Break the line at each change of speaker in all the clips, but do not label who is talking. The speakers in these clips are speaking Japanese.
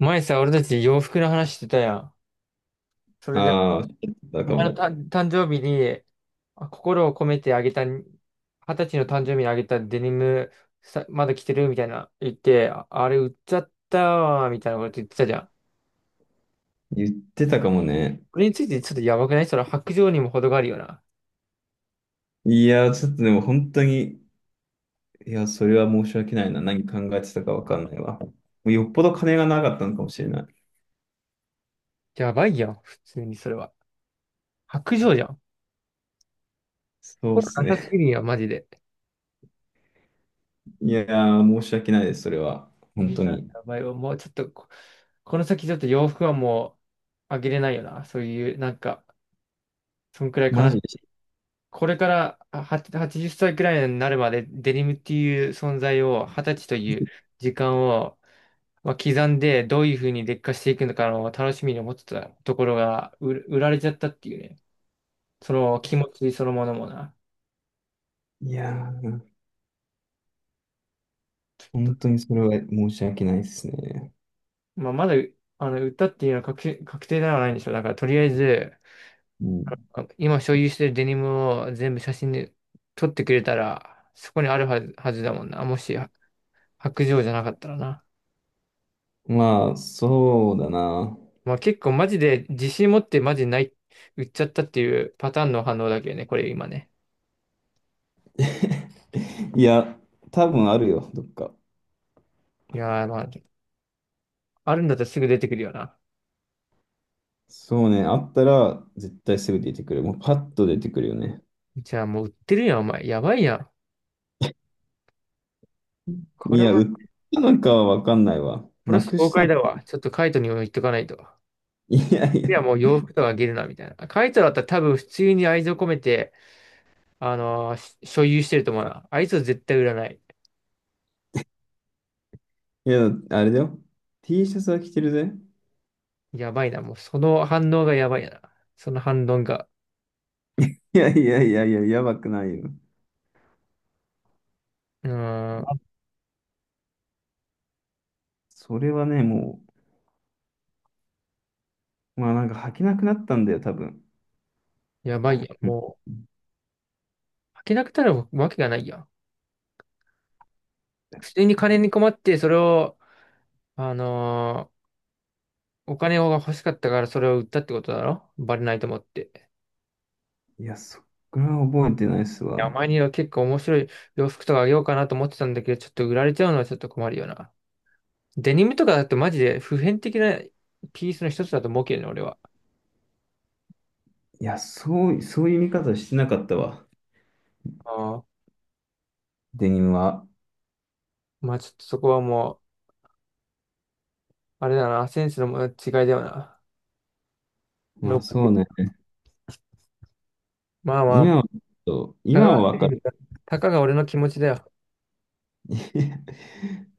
前さ、俺たち洋服の話してたやん。それで、
ああ、だ
お
か
前の
も。
誕生日に、心を込めてあげた、二十歳の誕生日にあげたデニム、さ、まだ着てるみたいな言って、あれ売っちゃったわ、みたいなこと言ってたじゃん。
言ってたかもね。
これについてちょっとやばくない？それ白状にも程があるよな。
いや、ちょっとでも本当に、いや、それは申し訳ないな。何考えてたかわかんないわ。もうよっぽど金がなかったのかもしれない。
やばいやん、普通にそれは。白状じゃん。
そうっ
心
す
なさすぎ
ね。
るやん、マジで。
いやー、申し訳ないです、それは。
い
本
い
当
な、
に。
やばいわ。もうちょっとこの先ちょっと洋服はもうあげれないよな。そういう、なんか、そんくらい悲
マ
し
ジ
い。
で。
これからは80歳くらいになるまでデニムっていう存在を、20歳という時間を、まあ、刻んで、どういうふうに劣化していくのかの楽しみに思ってたところが、売られちゃったっていうね。その気持ちそのものもな。
いやー、
と
本当にそれは申し訳ないですね。
まあ、まだ、あの、売ったっていうのは確定ではないんでしょう。だから、とりあえず、
うん、
今所有してるデニムを全部写真で撮ってくれたら、そこにあるはずだもんな。もし、白状じゃなかったらな。
まあ、そうだな。
まあ結構マジで自信持ってマジない、売っちゃったっていうパターンの反応だけどね、これ今ね。
いや、多分あるよ、どっか。
いやーまあ、あるんだったらすぐ出てくるよな。
そうね、あったら絶対すぐ出てくる。もうパッと出てくるよね。
じゃあもう売ってるやん、お前。やばいやん。こ
い
れ
や、売
は、
ったのかはわかんないわ。
プロ
な
ス
く
崩
した
壊だ
の。
わ。ちょっとカイトにも言っとかないと。
いやい
い
や、
や、もう洋服とかあげるな、みたいな。カイトだったら多分普通に愛情込めて、あのーし所有してると思うな。あいつは絶対売らない。
いや、あれだよ。T シャツは着てるぜ。
やばいな、もうその反応がやばいな。その反論が。
いやいやいやいや、やばくないよ。
うーん、
それはね、もう、まあなんか履けなくなったんだよ、多分。
やばい
う
やん。
ん
もう、履けなくなるわけがないやん。普通に金に困って、それを、あのーお金が欲しかったからそれを売ったってことだろ、バレないと思って。
いや、そっから覚えてないっす
いや、
わ。
前には結構面白い洋服とかあげようかなと思ってたんだけど、ちょっと売られちゃうのはちょっと困るよな。デニムとかだとマジで普遍的なピースの一つだと思うけどね、俺は。
いや、そう、そういう見方してなかったわ。
ああ。
デニムは。
まあちょっとそこはもう、あれだな、センスの違いだよな。
ま
ロー
あ
プ
そうね。
まあまあ、
今は、ちょっと
たか
今
が、
はわかる。
たかが俺の気持ちだよ。
いや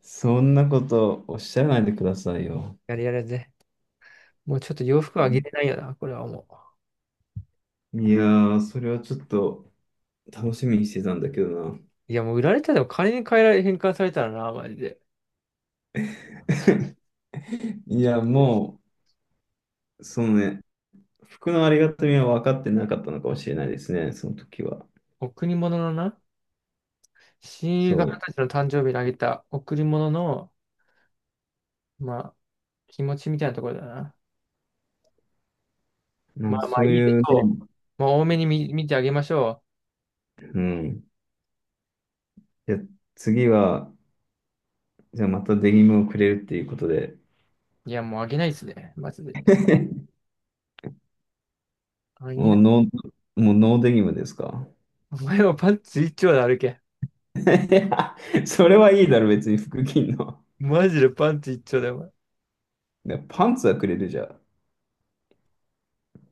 そんなことおっしゃらないでくださいよ。
やれやれぜ。もうちょっと洋服はあげれないよな、これはもう。
いやー、それはちょっと。楽しみにしてたんだけどな。
いや、もう売られたでも金に変換されたらな、マジで。
いや、もう、そのね、服のありがたみは分かってなかったのかもしれないですね、その時は。
贈り物のな、親友
そ
が二十歳の誕生日にあげた贈り物の、まあ、気持ちみたいなところだな。
う。な
ま
んか
あまあ、
そ
い
う
いでし
いう
ょ
ね、
う。もう多めに見てあげましょ
うん。じゃあ次は、じゃあまたデニムをくれるっていうことで、
う。いや、もうあげないっすね、マジで。あげ
も
ない。
うノー、もうノーデニムですか？
お前はパンツ一丁で歩け。
いや、それはいいだろ、別に服着んの。
マジでパンツ一丁だよ、お前。
いやパンツはくれるじゃん。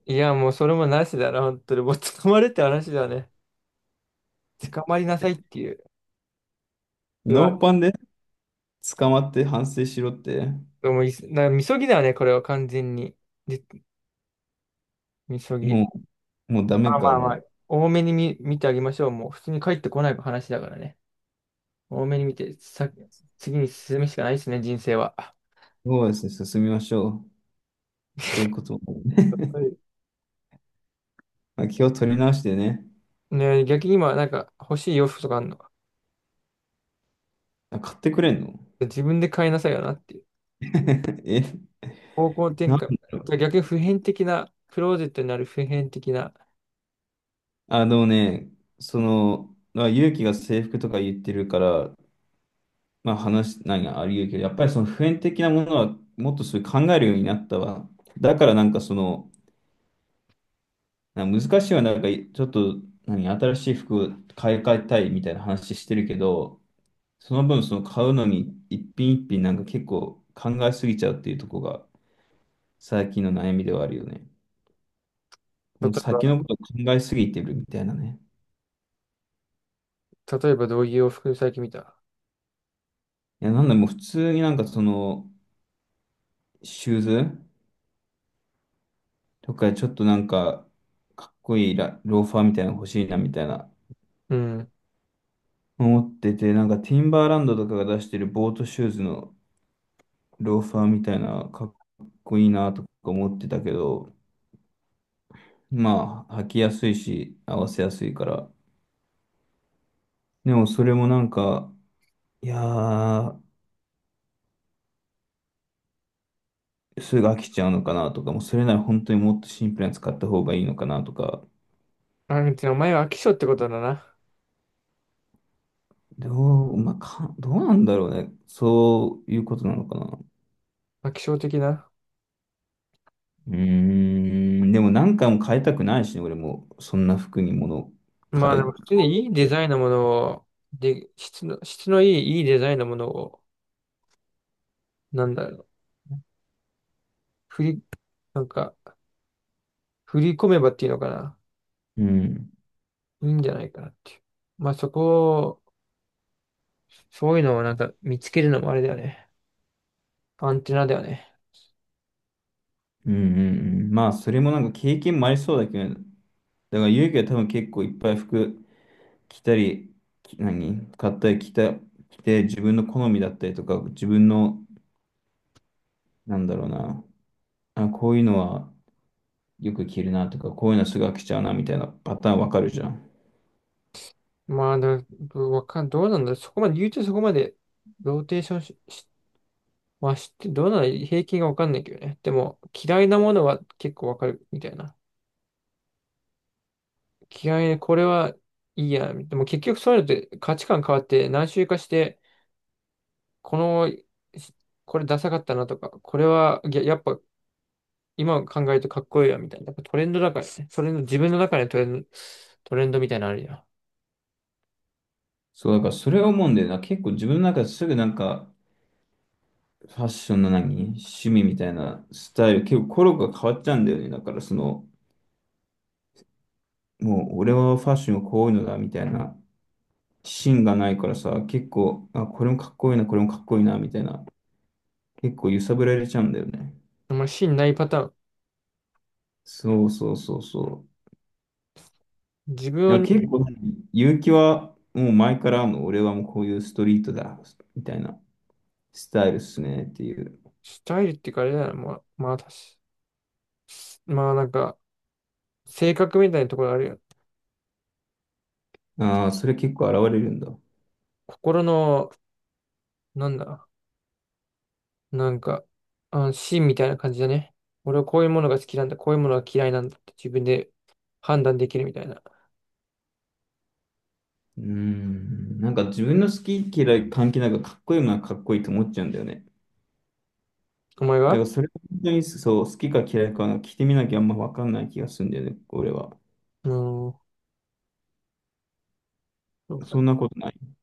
いや、もうそれもなしだな、本当に。もう捕まれって話だよね。捕まりなさいっていう。う
ノー
わ、
パンで捕まって反省しろって、
もういす、な、みそぎだよね、これは完全に。で、みそぎ。
ももうダ
ま
メ
あま
か、
あま
も
あ、
う。
多めに見てあげましょう。もう普通に帰ってこない話だからね。多めに見て、さ、次に進むしかないですね、人生は。
そうですね、進みましょう。そういうこともね。
はい。
まあ、気を取り直してね。
ねえ、逆に今、なんか欲しい洋服とかあるの？
あ、買ってくれんの？
自分で買いなさいよなっていう。
え、
方向転
なん
換。
だろ
じゃ
う。
あ逆に普遍的な、クローゼットになる普遍的な、
あ、でもね、その、まあ、勇気が制服とか言ってるから、まあ話、何があり得るけど、やっぱりその普遍的なものはもっとそういう考えるようになったわ。だからなんかその、なんか難しいはなんかちょっと、何、新しい服を買い替えたいみたいな話してるけど、その分その買うのに一品一品なんか結構考えすぎちゃうっていうところが最近の悩みではあるよね。
例
もう
え
先
ば、
のこと考えすぎてるみたいなね。
例えばどういう洋服最近見た？
いや、なんだ、もう普通になんかその、シューズとかちょっとなんか、かっこいいローファーみたいなの欲しいなみたいな、
うん。
思ってて、なんかティンバーランドとかが出してるボートシューズのローファーみたいな、かっこいいなとか思ってたけど、まあ、履きやすいし、合わせやすいから。でもそれもなんか、いやー、すぐ飽きちゃうのかなとか、もうそれなら本当にもっとシンプルに使った方がいいのかなとか、
あ、でもお前は飽き性ってことだな。
まあ、どうなんだろうね。そういうことなのかな。
飽き性的な。
うーん、でも何回も変えたくないしね、俺も、そんな服に物を
まあでも
変
普通にいいデ
えて。
ザインのものを、で、質のいいデザインのものを、なんだろう。振り、なんか、振り込めばっていうのかな。
うん、
いいんじゃないかなっていう。まあそこを、そういうのをなんか見つけるのもあれだよね。アンテナだよね。
うん、うん、うん。まあ、それもなんか経験もありそうだけどね、だから勇気は多分結構いっぱい服着たり、何買ったり着て、自分の好みだったりとか、自分の、なんだろうな、あ、こういうのは、よく着るなとか、こういうのすぐ飽きちゃうなみたいなパターンわかるじゃん。
まあ、だわかん、どうなんだろう。そこまで、言うとそこまで、ローテーションし、まあ知って、どうなの、平均がわかんないけどね。でも、嫌いなものは結構わかるみたいな。嫌いな、これはいいや。でも結局そういうのって価値観変わって何周かして、この、これダサかったなとか、これは、いややっぱ今考えるとかっこいいよみたいな。やっぱトレンドだからね。それの自分の中でトレンドみたいなのあるよん。
そう、だからそれを思うんだよな。結構自分の中ですぐなんか、ファッションの何趣味みたいなスタイル、結構コロが変わっちゃうんだよね。だからその、もう俺はファッションはこういうのだみたいな芯がないからさ、結構、あ、これもかっこいいな、これもかっこいいなみたいな、結構揺さぶられちゃうんだよね。
あんまり芯ないパターン。
そうそうそうそう。
自
だ
分
か
を
ら結構ね、勇気はもう前からもう俺はもうこういうストリートだみたいなスタイルっすねっていう。
スタイルっていうかあれだな。まあ、確かまあなんか、性格みたいなところあるよ。
ああ、それ結構現れるんだ。う
心の、なんだ、なんか、芯みたいな感じだね。俺はこういうものが好きなんだ、こういうものが嫌いなんだって自分で判断できるみたいな。
ーん。なんか自分の好き嫌い関係なくかっこいいものはかっこいいと思っちゃうんだよね。
お前
だか
は。
らそれ本当にそう、好きか嫌いか聞いてみなきゃあんまわかんない気がするんだよね、俺は。
うん。そうだ。
そんなことない。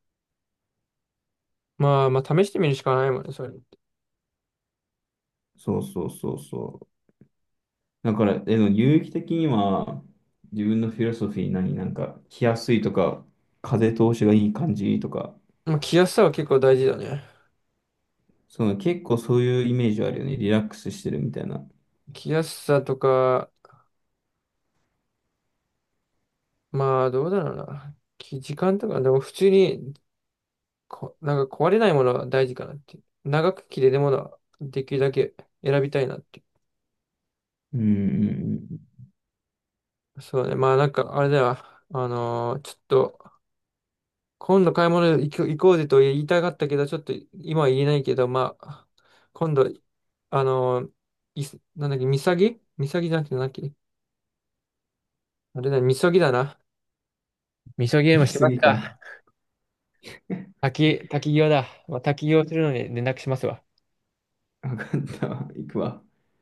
まあまあ試してみるしかないもんね、それ。
そうそうそうそう。だから、でも有益的には自分のフィロソフィー何、なんか着やすいとか、風通しがいい感じとか、
まあ、着やすさは結構大事だね。
その結構そういうイメージはあるよね。リラックスしてるみたいな。
着やすさとか、まあ、どうだろうな。時間とか、でも普通になんか壊れないものは大事かなっていう。長く着れるものはできるだけ選びたいなってい
うんうんうん。
う。そうね。まあ、なんか、あれだよ。ちょっと、今度買い物行こうぜと言いたかったけど、ちょっと今は言えないけど、まあ、今度、あのーなんだっけ、みさぎみさぎじゃなくて、なんだっけ、あれだね、みそぎだな。みそぎ でも
見
し
す
ます
ぎか。
か。滝行だ。まあ、滝行するのに連絡しますわ。
わかったわ。行くわ。